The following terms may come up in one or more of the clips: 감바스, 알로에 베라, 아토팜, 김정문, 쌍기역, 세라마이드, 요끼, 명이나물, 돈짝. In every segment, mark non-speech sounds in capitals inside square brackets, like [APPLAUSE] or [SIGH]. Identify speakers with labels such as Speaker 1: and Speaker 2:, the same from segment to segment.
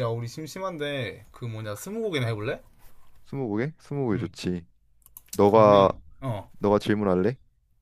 Speaker 1: 야, 우리 심심한데 그 뭐냐 스무고개나 해볼래?
Speaker 2: 스무고개? 스무고개
Speaker 1: 응.
Speaker 2: 좋지. 너가
Speaker 1: 그러면 어.
Speaker 2: 너가 질문할래?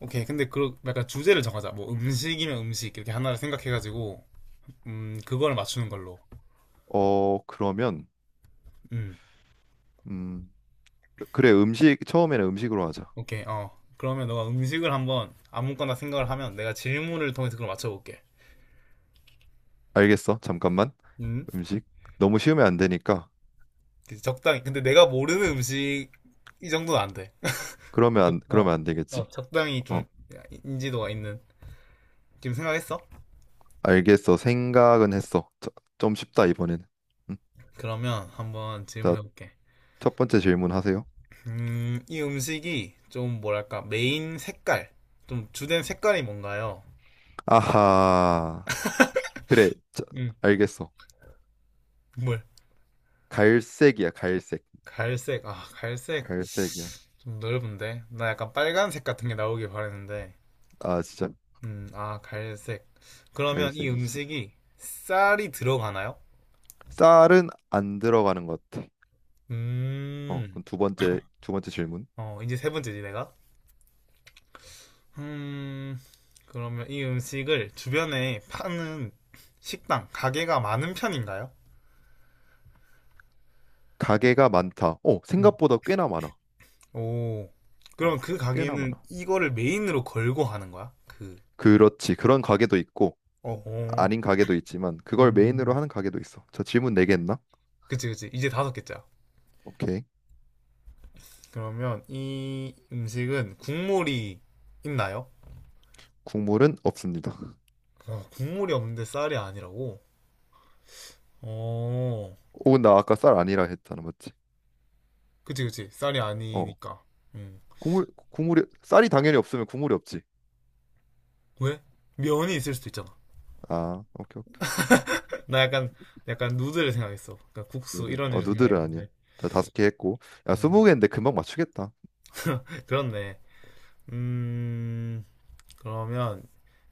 Speaker 1: 오케이. 근데 그 약간 주제를 정하자. 뭐 음식이면 음식 이렇게 하나를 생각해가지고 그걸 맞추는 걸로.
Speaker 2: 어, 그러면
Speaker 1: 음.
Speaker 2: 음, 그래, 음식. 처음에는 음식으로 하자.
Speaker 1: 오케이. 어. 그러면 너가 음식을 한번 아무거나 생각을 하면 내가 질문을 통해서 그걸 맞춰볼게.
Speaker 2: 알겠어. 잠깐만.
Speaker 1: 음.
Speaker 2: 음식 너무 쉬우면 안 되니까.
Speaker 1: 그치, 적당히. 근데 내가 모르는 음식 이 정도는 안 돼.
Speaker 2: 그러면
Speaker 1: 어.
Speaker 2: 안 되겠지.
Speaker 1: 어, 적당히
Speaker 2: 어,
Speaker 1: 좀 인지도가 있는. 지금 생각했어?
Speaker 2: 알겠어. 생각은 했어. 좀 쉽다 이번에는. 음,
Speaker 1: 그러면 한번
Speaker 2: 자,
Speaker 1: 질문해볼게.
Speaker 2: 첫 번째 질문 하세요.
Speaker 1: 이 음식이 좀 뭐랄까 메인 색깔, 좀 주된 색깔이 뭔가요?
Speaker 2: 아하. 그래. 자,
Speaker 1: 음,
Speaker 2: 알겠어.
Speaker 1: 뭘?
Speaker 2: 갈색이야, 갈색.
Speaker 1: 갈색. 아, 갈색
Speaker 2: 갈색이야.
Speaker 1: 좀 넓은데. 나 약간 빨간색 같은 게 나오길 바랬는데.
Speaker 2: 아, 진짜
Speaker 1: 아, 갈색. 그러면 이
Speaker 2: 갈색이지.
Speaker 1: 음식이 쌀이 들어가나요?
Speaker 2: 쌀은 안 들어가는 것 같아. 어,
Speaker 1: 음,
Speaker 2: 그럼 두 번째 질문.
Speaker 1: 어, 이제 세 번째지 내가. 음, 그러면 이 음식을 주변에 파는 식당, 가게가 많은 편인가요?
Speaker 2: 가게가 많다. 생각보다 꽤나 많아.
Speaker 1: 오. 그럼
Speaker 2: 어,
Speaker 1: 그
Speaker 2: 꽤나
Speaker 1: 가게는
Speaker 2: 많아.
Speaker 1: 이거를 메인으로 걸고 하는 거야? 그,
Speaker 2: 그렇지. 그런 가게도 있고,
Speaker 1: 어, 어.
Speaker 2: 아닌 가게도 있지만, 그걸 메인으로
Speaker 1: 음.
Speaker 2: 하는 가게도 있어. 저 질문 네개 했나?
Speaker 1: 그치, 그치. 이제 다섯 개짜.
Speaker 2: 오케이.
Speaker 1: 그러면 이 음식은 국물이 있나요?
Speaker 2: 국물은 없습니다.
Speaker 1: 어, 국물이 없는데 쌀이 아니라고? 어.
Speaker 2: 오, 나 아까 쌀 아니라 했잖아. 맞지?
Speaker 1: 그치, 그치. 쌀이
Speaker 2: 어.
Speaker 1: 아니니까. 음.
Speaker 2: 쌀이 당연히 없으면 국물이 없지.
Speaker 1: 왜? 면이 있을 수도 있잖아.
Speaker 2: 아, 오케이, 오케이.
Speaker 1: 나 약간, 약간 누드를 생각했어. 그러니까 국수,
Speaker 2: 누들.
Speaker 1: 이런 일을
Speaker 2: 누들은 아니야.
Speaker 1: 생각했는데.
Speaker 2: 자, 다섯 개 했고. 야,
Speaker 1: 음.
Speaker 2: 스무 개인데 금방 맞추겠다.
Speaker 1: 그렇네. 음, 그러면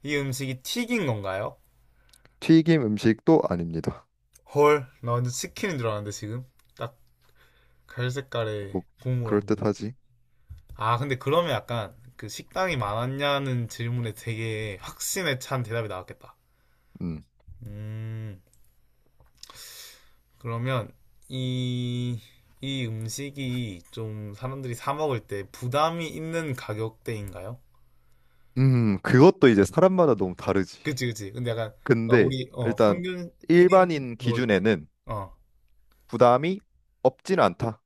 Speaker 1: 이 음식이 튀긴 건가요?
Speaker 2: 튀김 음식도 아닙니다.
Speaker 1: 헐, 나 완전 치킨인 줄 알았는데 지금 딱 갈색깔에
Speaker 2: 뭐,
Speaker 1: 국물 없는.
Speaker 2: 그럴듯하지.
Speaker 1: 아, 근데 그러면 약간 그 식당이 많았냐는 질문에 되게 확신에 찬 대답이 나왔겠다.
Speaker 2: 음.
Speaker 1: 음, 그러면 이, 이 음식이 좀 사람들이 사 먹을 때 부담이 있는 가격대인가요?
Speaker 2: 그것도 이제 사람마다 너무 다르지.
Speaker 1: 그치, 그치. 근데 약간 나
Speaker 2: 근데
Speaker 1: 우리 어,
Speaker 2: 일단
Speaker 1: 평균 1인
Speaker 2: 일반인
Speaker 1: 먹을 때.
Speaker 2: 기준에는
Speaker 1: 어.
Speaker 2: 부담이 없지는 않다.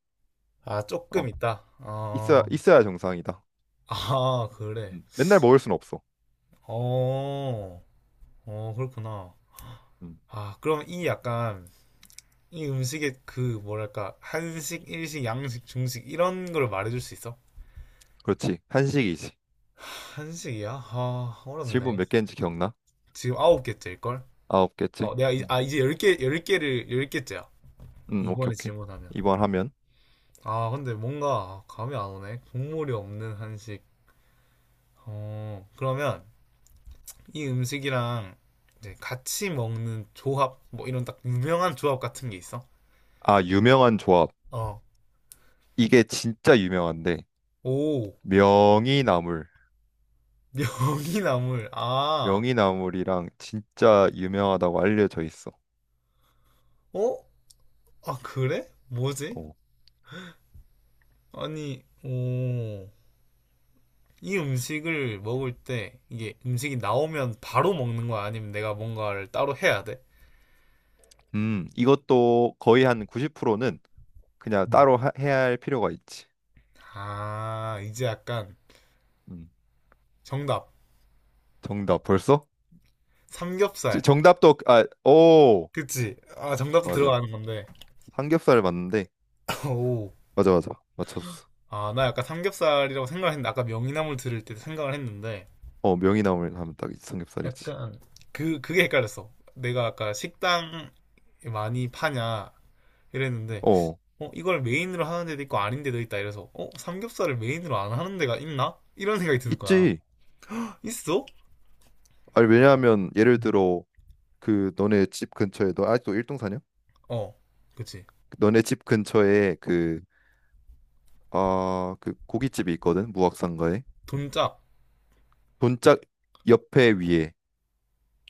Speaker 1: 아,
Speaker 2: 어,
Speaker 1: 조금 있다.
Speaker 2: 있어야,
Speaker 1: 어.
Speaker 2: 있어야 정상이다.
Speaker 1: 아, 그래.
Speaker 2: 맨날 먹을 순 없어.
Speaker 1: 어. 어, 그렇구나.
Speaker 2: 음,
Speaker 1: 아, 그럼 이 약간 이 음식의 그 뭐랄까 한식, 일식, 양식, 중식 이런 걸 말해줄 수 있어?
Speaker 2: 그렇지. 한식이지.
Speaker 1: 한식이야? 아,
Speaker 2: 질문
Speaker 1: 어렵네.
Speaker 2: 몇 개인지 기억나?
Speaker 1: 지금 아홉 개째일걸?
Speaker 2: 아홉 개지?
Speaker 1: 어, 내가 이,
Speaker 2: 음,
Speaker 1: 아 이제 열 개, 열 개를 열 개째야.
Speaker 2: 오케이,
Speaker 1: 이번에
Speaker 2: 오케이.
Speaker 1: 질문하면.
Speaker 2: 이번 하면.
Speaker 1: 아, 근데 뭔가 감이 안 오네. 국물이 없는 한식. 어, 그러면 이 음식이랑 이제 같이 먹는 조합, 뭐 이런 딱 유명한 조합 같은 게 있어?
Speaker 2: 아, 유명한 조합.
Speaker 1: 어.
Speaker 2: 이게 진짜 유명한데.
Speaker 1: 오,
Speaker 2: 명이나물.
Speaker 1: [LAUGHS] 명이나물. 아,
Speaker 2: 명이나물이랑 진짜 유명하다고 알려져 있어.
Speaker 1: 어? 아, 그래? 뭐지?
Speaker 2: 어.
Speaker 1: 아니, 오. 이 음식을 먹을 때 이게 음식이 나오면 바로 먹는 거야? 아니면 내가 뭔가를 따로 해야 돼?
Speaker 2: 이것도 거의 한 90%는 그냥
Speaker 1: 음.
Speaker 2: 따로 해야 할 필요가 있지.
Speaker 1: 아, 이제 약간
Speaker 2: 음.
Speaker 1: 정답.
Speaker 2: 정답 벌써?
Speaker 1: 삼겹살.
Speaker 2: 정답도 아, 오
Speaker 1: 그치? 아, 정답도
Speaker 2: 맞아.
Speaker 1: 들어가는 건데.
Speaker 2: 삼겹살 맞는데
Speaker 1: [LAUGHS] 오.
Speaker 2: 맞아, 맞아, 맞췄어.
Speaker 1: 아, 나 약간 삼겹살이라고 생각을 했는데, 아까 명이나물 들을 때 생각을 했는데,
Speaker 2: 어, 명이나물 하면 딱 삼겹살이지.
Speaker 1: 약간 그, 그게 헷갈렸어. 내가 아까 식당 많이 파냐 이랬는데,
Speaker 2: 어,
Speaker 1: 어, 이걸 메인으로 하는 데도 있고 아닌 데도 있다. 이래서, 어, 삼겹살을 메인으로 안 하는 데가 있나? 이런 생각이 드는 거야.
Speaker 2: 있지.
Speaker 1: [LAUGHS] 있어?
Speaker 2: 아니, 왜냐하면 예를
Speaker 1: 음.
Speaker 2: 들어 그 너네 집 근처에 너 아직도 일동 사냐?
Speaker 1: 어, 그치.
Speaker 2: 너네 집 근처에 그 고깃집이 있거든. 무학상가에
Speaker 1: 돈짝.
Speaker 2: 돈짝 옆에 위에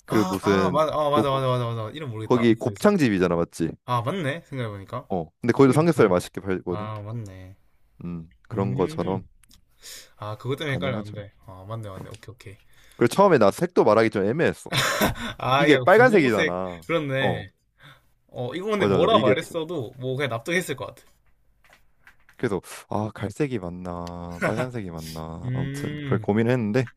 Speaker 2: 그
Speaker 1: 아, 아,
Speaker 2: 무슨
Speaker 1: 맞아, 아, 맞아,
Speaker 2: 녹
Speaker 1: 맞아, 맞아, 맞아. 이름 모르겠다.
Speaker 2: 거기
Speaker 1: 있어, 있어.
Speaker 2: 곱창집이잖아, 맞지?
Speaker 1: 아, 맞네. 생각해보니까.
Speaker 2: 어, 근데 거기도
Speaker 1: 고기도
Speaker 2: 삼겹살
Speaker 1: 파네.
Speaker 2: 맛있게 팔거든.
Speaker 1: 아, 맞네.
Speaker 2: 그런 것처럼
Speaker 1: 음, 아, 그것 때문에
Speaker 2: 가능하죠.
Speaker 1: 헷갈렸는데. 아, 맞네,
Speaker 2: 어.
Speaker 1: 맞네. 오케이, 오케이.
Speaker 2: 그리고 처음에 나 색도 말하기 좀 애매했어.
Speaker 1: 아,
Speaker 2: 이게
Speaker 1: 야, 분홍색.
Speaker 2: 빨간색이잖아. 어,
Speaker 1: 그렇네. 어, 이거 근데
Speaker 2: 맞아, 맞아.
Speaker 1: 뭐라 말했어도, 뭐, 그냥 납득했을 것 같아.
Speaker 2: 그래서 아, 갈색이 맞나, 빨간색이 맞나. 아무튼 그렇게
Speaker 1: 음,
Speaker 2: 고민했는데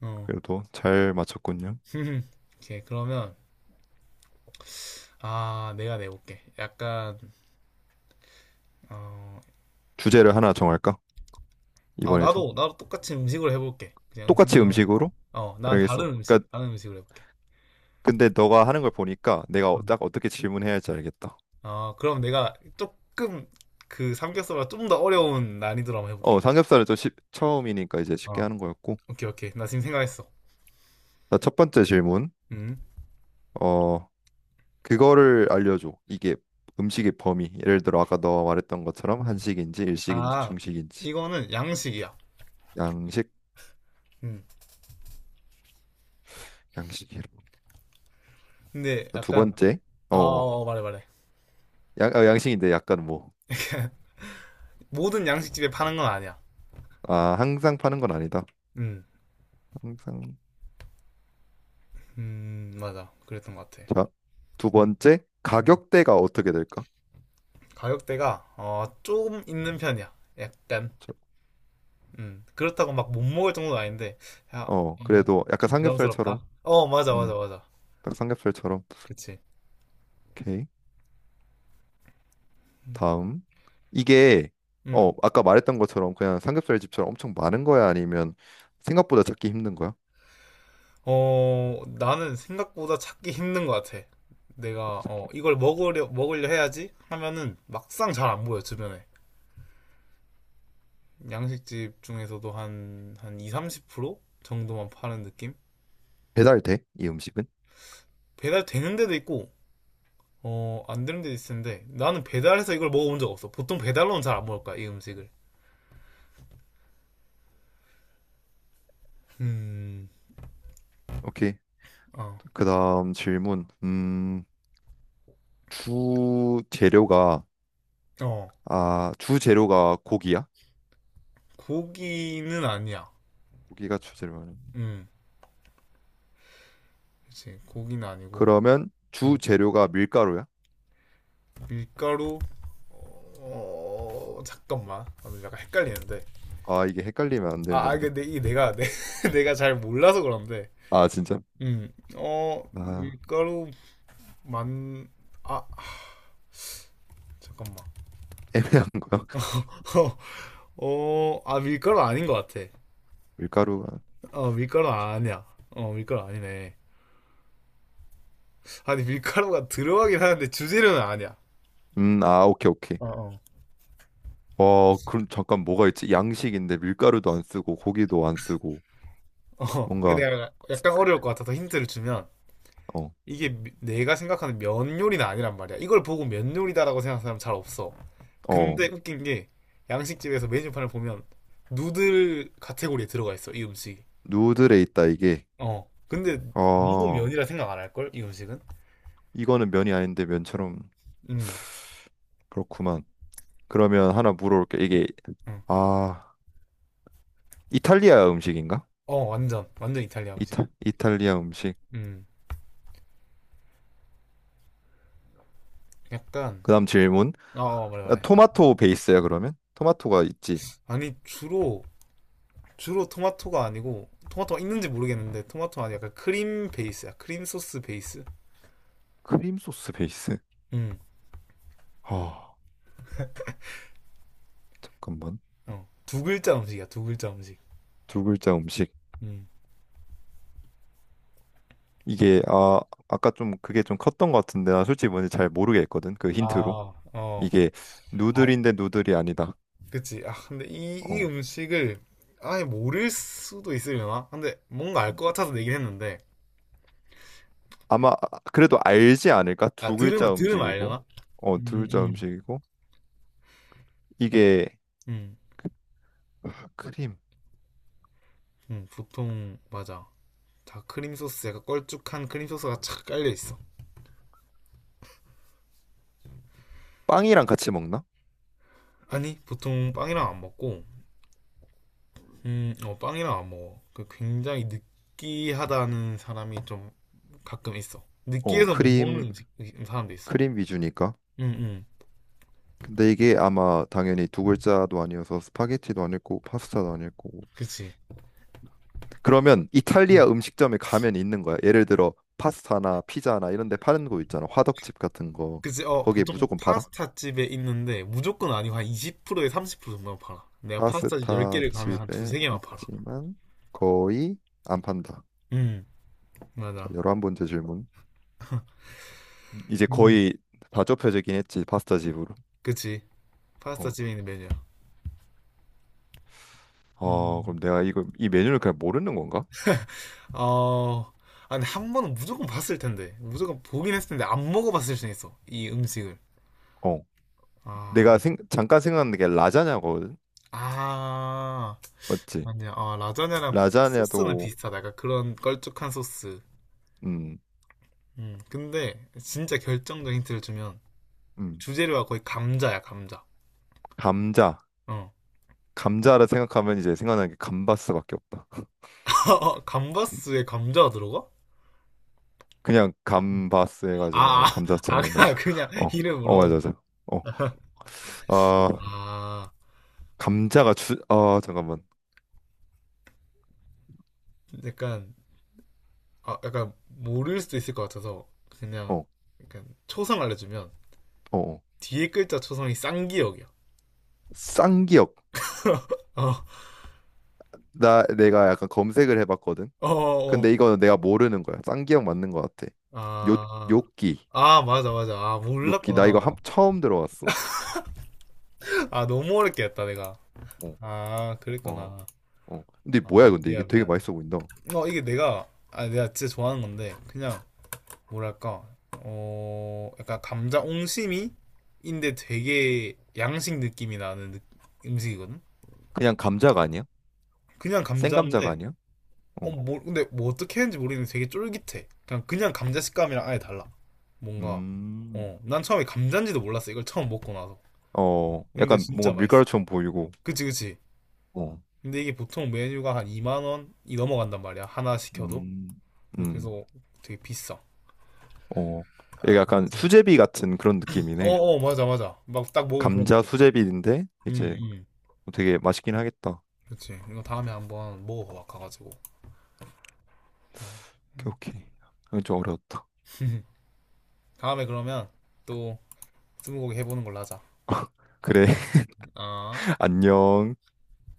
Speaker 1: 어.
Speaker 2: 그래도 잘 맞췄군요.
Speaker 1: [LAUGHS] 오케이, 그러면. 아, 내가 내볼게. 약간, 어,
Speaker 2: 주제를 하나 정할까?
Speaker 1: 아,
Speaker 2: 이번에도
Speaker 1: 나도, 나도 똑같이 음식으로 해볼게. 그냥
Speaker 2: 똑같이
Speaker 1: 음식만. 하는 거.
Speaker 2: 음식으로?
Speaker 1: 어, 난
Speaker 2: 알겠어.
Speaker 1: 다른 음식,
Speaker 2: 그러니까
Speaker 1: 다른 음식으로 해볼게.
Speaker 2: 근데 너가 하는 걸 보니까 내가
Speaker 1: 어,
Speaker 2: 딱 어떻게 질문해야 할지 알겠다.
Speaker 1: 어, 그럼 내가 조금 그 삼겹살보다 좀 더 어려운 난이도로 한번 해볼게.
Speaker 2: 삼겹살은 좀 처음이니까 이제 쉽게
Speaker 1: 어,
Speaker 2: 하는 거였고.
Speaker 1: 오케이, 오케이. 나 지금 생각했어.
Speaker 2: 자, 첫 번째 질문.
Speaker 1: 음.
Speaker 2: 어, 그거를 알려줘. 이게 음식의 범위. 예를 들어 아까 너와 말했던 것처럼
Speaker 1: 음.
Speaker 2: 한식인지 일식인지
Speaker 1: 아,
Speaker 2: 중식인지
Speaker 1: 이거는 양식이야.
Speaker 2: 양식
Speaker 1: 음.
Speaker 2: 양식이로.
Speaker 1: 근데
Speaker 2: 두
Speaker 1: 약간,
Speaker 2: 번째.
Speaker 1: 아,
Speaker 2: 어
Speaker 1: 어, 어, 말해, 말해.
Speaker 2: 양식인데 약간 뭐
Speaker 1: 모든 양식집에 파는 건 아니야.
Speaker 2: 아, 항상 파는 건 아니다.
Speaker 1: 음,
Speaker 2: 항상
Speaker 1: 맞아. 그랬던 것 같아.
Speaker 2: 자두
Speaker 1: 음.
Speaker 2: 번째
Speaker 1: 음.
Speaker 2: 가격대가 어떻게 될까?
Speaker 1: 가격대가 어, 조금 있는 편이야. 약간.
Speaker 2: 저-
Speaker 1: 음. 그렇다고 막 못 먹을 정도는 아닌데 야,
Speaker 2: 어,
Speaker 1: 어,
Speaker 2: 그래도 약간
Speaker 1: 좀
Speaker 2: 삼겹살처럼
Speaker 1: 부담스럽다. 어, 맞아, 맞아,
Speaker 2: 음딱
Speaker 1: 맞아.
Speaker 2: 삼겹살처럼.
Speaker 1: 그치.
Speaker 2: 오케이.
Speaker 1: 음.
Speaker 2: 다음, 이게
Speaker 1: 음.
Speaker 2: 아까 말했던 것처럼 그냥 삼겹살 집처럼 엄청 많은 거야, 아니면 생각보다 찾기 힘든 거야?
Speaker 1: 어, 나는 생각보다 찾기 힘든 것 같아. 내가 어, 이걸 먹으려 먹으려 해야지 하면은 막상 잘 안 보여 주변에. 양식집 중에서도 한 2, 30% 정도만 파는 느낌?
Speaker 2: 배달돼? 이 음식은?
Speaker 1: 배달 되는 데도 있고, 어, 안 되는 데도 있는데, 나는 배달해서 이걸 먹어본 적 없어. 보통 배달로는 잘 안 먹을 거야, 이 음식을. 음,
Speaker 2: 오케이.
Speaker 1: 어,
Speaker 2: 그다음 질문. 주 재료가,
Speaker 1: 어,
Speaker 2: 아, 주 재료가 고기야?
Speaker 1: 고기는 아니야.
Speaker 2: 고기가 주 재료야.
Speaker 1: 음, 그치, 고기는 아니고,
Speaker 2: 그러면 주
Speaker 1: 음,
Speaker 2: 재료가 밀가루야?
Speaker 1: 밀가루, 어, 어, 잠깐만. 아, 근데 약간 헷갈리는데.
Speaker 2: 아, 이게 헷갈리면 안 되는
Speaker 1: 아, 아,
Speaker 2: 건데.
Speaker 1: 이게 내가, 내, [LAUGHS] 내가 잘 몰라서 그런데.
Speaker 2: 아, 진짜?
Speaker 1: 어,
Speaker 2: 아,
Speaker 1: 밀가루 만, 아, 잠깐만.
Speaker 2: 애매한 거야. [LAUGHS]
Speaker 1: [LAUGHS] 어, 어, 아, 밀가루 아닌 것 같아.
Speaker 2: 밀가루가.
Speaker 1: 어, 밀가루 아니야. 어, 밀가루 아니네. 아니, 밀가루가 들어가긴 하는데 주재료는 아니야.
Speaker 2: 아, 오케이, 오케이.
Speaker 1: 어, 어.
Speaker 2: 그럼 잠깐 뭐가 있지? 양식인데 밀가루도 안 쓰고 고기도 안 쓰고
Speaker 1: 어, 근데
Speaker 2: 뭔가
Speaker 1: 내가
Speaker 2: 스-
Speaker 1: 약간 어려울 것 같아서 힌트를 주면
Speaker 2: 어,
Speaker 1: 이게 내가 생각하는 면 요리는 아니란 말이야. 이걸 보고 면 요리다라고 생각하는 사람 잘 없어. 근데
Speaker 2: 어,
Speaker 1: 웃긴 게 양식집에서 메뉴판을 보면 누들 카테고리에 들어가 있어, 이 음식이.
Speaker 2: 누들에 있다 이게.
Speaker 1: 어. 근데 아무도
Speaker 2: 어.
Speaker 1: 면이라 생각 안 할걸, 이 음식은?
Speaker 2: 이거는 면이 아닌데 면처럼
Speaker 1: 음.
Speaker 2: 그렇구만. 그러면 하나 물어볼게. 이게
Speaker 1: 음.
Speaker 2: 아, 이탈리아 음식인가?
Speaker 1: 어, 완전. 완전 이탈리아 음식.
Speaker 2: 이탈리아 음식.
Speaker 1: 음. 약간
Speaker 2: 그다음 질문.
Speaker 1: 어, 어, 말해
Speaker 2: 아,
Speaker 1: 말해.
Speaker 2: 토마토 베이스야 그러면? 토마토가 있지.
Speaker 1: 아니 주로 토마토가 아니고 토마토가 있는지 모르겠는데 토마토는 아니 약간 크림 베이스야. 크림 소스 베이스.
Speaker 2: 크림 소스 베이스.
Speaker 1: 음.
Speaker 2: 아, 잠깐만.
Speaker 1: 어. 두 글자 음식이야, 두 글자 음식.
Speaker 2: 두 글자 음식.
Speaker 1: 음.
Speaker 2: 이게 아, 아까 좀 그게 좀 컸던 것 같은데 나 솔직히 뭔지 잘 모르겠거든, 그 힌트로.
Speaker 1: 아, 어.
Speaker 2: 이게
Speaker 1: 아,
Speaker 2: 누들인데 누들이 아니다.
Speaker 1: 그치. 아, 근데 이
Speaker 2: 어.
Speaker 1: 음식을 아예 모를 수도 있으려나? 근데 뭔가 알 것 같아서 내긴 했는데.
Speaker 2: 아마 그래도 알지 않을까?
Speaker 1: 아,
Speaker 2: 두 글자
Speaker 1: 들으면, 들으면
Speaker 2: 음식이고,
Speaker 1: 알려나?
Speaker 2: 두
Speaker 1: 음,
Speaker 2: 글자
Speaker 1: 음.
Speaker 2: 음식이고 이게
Speaker 1: 음,
Speaker 2: 크림.
Speaker 1: 보통, 맞아. 다 크림 소스, 약간 걸쭉한 크림 소스가 착 깔려 있어.
Speaker 2: 빵이랑 같이 먹나?
Speaker 1: 아니, 보통 빵이랑 안 먹고, 어, 빵이랑 안 먹어. 그 굉장히 느끼하다는 사람이 좀 가끔 있어.
Speaker 2: 어,
Speaker 1: 느끼해서 못 먹는
Speaker 2: 크림
Speaker 1: 음식, 사람도 있어.
Speaker 2: 크림 위주니까.
Speaker 1: 응, 응.
Speaker 2: 근데 이게 아마 당연히 두 글자도 아니어서 스파게티도 아닐 거고 파스타도 아닐 거고.
Speaker 1: 그치.
Speaker 2: 그러면
Speaker 1: 음.
Speaker 2: 이탈리아 음식점에 가면 있는 거야. 예를 들어 파스타나 피자나 이런 데 파는 거 있잖아. 화덕집 같은 거.
Speaker 1: 그치, 어,
Speaker 2: 거기에
Speaker 1: 보통
Speaker 2: 무조건 팔아?
Speaker 1: 파스타 집에 있는데 무조건 아니고 한 20%에 30% 정도만 팔아. 내가 파스타 집
Speaker 2: 파스타
Speaker 1: 10개를 가면 한
Speaker 2: 집에
Speaker 1: 두세 개만 팔아.
Speaker 2: 있지만 거의 안 판다.
Speaker 1: 음,
Speaker 2: 자,
Speaker 1: 맞아.
Speaker 2: 열한 번째 질문. 이제
Speaker 1: 음.
Speaker 2: 거의 다 좁혀지긴 했지, 파스타 집으로.
Speaker 1: 그치. 파스타
Speaker 2: 어,
Speaker 1: 집에 있는 메뉴야. 음.
Speaker 2: 그럼 내가 이거 이 메뉴를 그냥 모르는 건가?
Speaker 1: 어, 아니, 한 번은 무조건 봤을 텐데. 무조건 보긴 했을 텐데, 안 먹어봤을 수 있어. 이 음식을.
Speaker 2: 어,
Speaker 1: 아,
Speaker 2: 내가 잠깐 생각난 게 라자냐거든.
Speaker 1: 아,
Speaker 2: 맞지?
Speaker 1: 아니야. 아, 라자냐랑 소스는
Speaker 2: 라자냐도.
Speaker 1: 비슷하다. 약간 그런 걸쭉한 소스.
Speaker 2: 음,
Speaker 1: 근데, 진짜 결정적인 힌트를 주면,
Speaker 2: 음,
Speaker 1: 주재료가 거의 감자야, 감자.
Speaker 2: 감자,
Speaker 1: 어.
Speaker 2: 감자를 생각하면 이제 생각나는 게 감바스밖에 없다.
Speaker 1: [LAUGHS]
Speaker 2: [LAUGHS]
Speaker 1: 감바스에 감자가 들어가?
Speaker 2: 그냥 감바스 해가지고 뭔가
Speaker 1: 아, 아, 아,
Speaker 2: 감자처럼 해가지고
Speaker 1: 그냥, 그냥
Speaker 2: [LAUGHS] 어, 어, 맞아,
Speaker 1: 이름으로.
Speaker 2: 맞아. 어, 아,
Speaker 1: 아,
Speaker 2: 감자가 아, 잠깐만.
Speaker 1: 약간, 아, 약간 모를 수도 있을 것 같아서 그냥,
Speaker 2: 어,
Speaker 1: 약간 초성 알려주면
Speaker 2: 어, 어.
Speaker 1: 뒤에 글자 초성이 쌍기역이야.
Speaker 2: 쌍기역.
Speaker 1: 어,
Speaker 2: 나 내가 약간 검색을 해봤거든.
Speaker 1: 어, 어,
Speaker 2: 근데
Speaker 1: 어.
Speaker 2: 이거는 내가 모르는 거야. 쌍기역 맞는 거 같아. 요
Speaker 1: 아,
Speaker 2: 요끼
Speaker 1: 아, 맞아, 맞아. 아,
Speaker 2: 요끼 나 이거
Speaker 1: 몰랐구나.
Speaker 2: 처음 들어봤어.
Speaker 1: 아, 너무 어렵게 했다, 내가.
Speaker 2: 어,
Speaker 1: 아,
Speaker 2: 어,
Speaker 1: 그랬구나.
Speaker 2: 어. 근데 뭐야,
Speaker 1: 아,
Speaker 2: 근데 이게
Speaker 1: 미안,
Speaker 2: 되게
Speaker 1: 미안.
Speaker 2: 맛있어 보인다.
Speaker 1: 어, 이게 내가, 아, 내가 진짜 좋아하는 건데, 그냥, 뭐랄까 어 약간 감자 옹심이인데 되게 양식 느낌이 나는 음식이거든.
Speaker 2: 그냥 감자가 아니야?
Speaker 1: 그냥
Speaker 2: 생감자가
Speaker 1: 감자인데
Speaker 2: 아니야? 어,
Speaker 1: 어뭐 근데 뭐 어떻게 했는지 모르겠는데 되게 쫄깃해. 그냥 감자 식감이랑 아예 달라. 뭔가
Speaker 2: 음,
Speaker 1: 어 난 처음에 감자인지도 몰랐어. 이걸 처음 먹고 나서. 근데
Speaker 2: 약간
Speaker 1: 진짜
Speaker 2: 뭔가
Speaker 1: 맛있어.
Speaker 2: 밀가루처럼 보이고.
Speaker 1: 그치 그치.
Speaker 2: 어,
Speaker 1: 근데 이게 보통 메뉴가 한 2만 원이 넘어간단 말이야. 하나 시켜도.
Speaker 2: 음, 음,
Speaker 1: 그래서 되게 비싸.
Speaker 2: 어. 이게 약간 수제비 같은 그런 느낌이네.
Speaker 1: 어어 맞아 맞아. 막 딱 먹으면 그런
Speaker 2: 감자
Speaker 1: 느낌.
Speaker 2: 수제비인데
Speaker 1: 응
Speaker 2: 이제
Speaker 1: 응.
Speaker 2: 되게 맛있긴 하겠다.
Speaker 1: 그치. 이거 다음에 한번 먹어봐 가가지고. 예.
Speaker 2: 오케이, 오케이. 이건 좀 어려웠다.
Speaker 1: 다음에 그러면 또 스무고개 해보는 걸로 하자.
Speaker 2: 그래,
Speaker 1: 아.
Speaker 2: [LAUGHS] 안녕.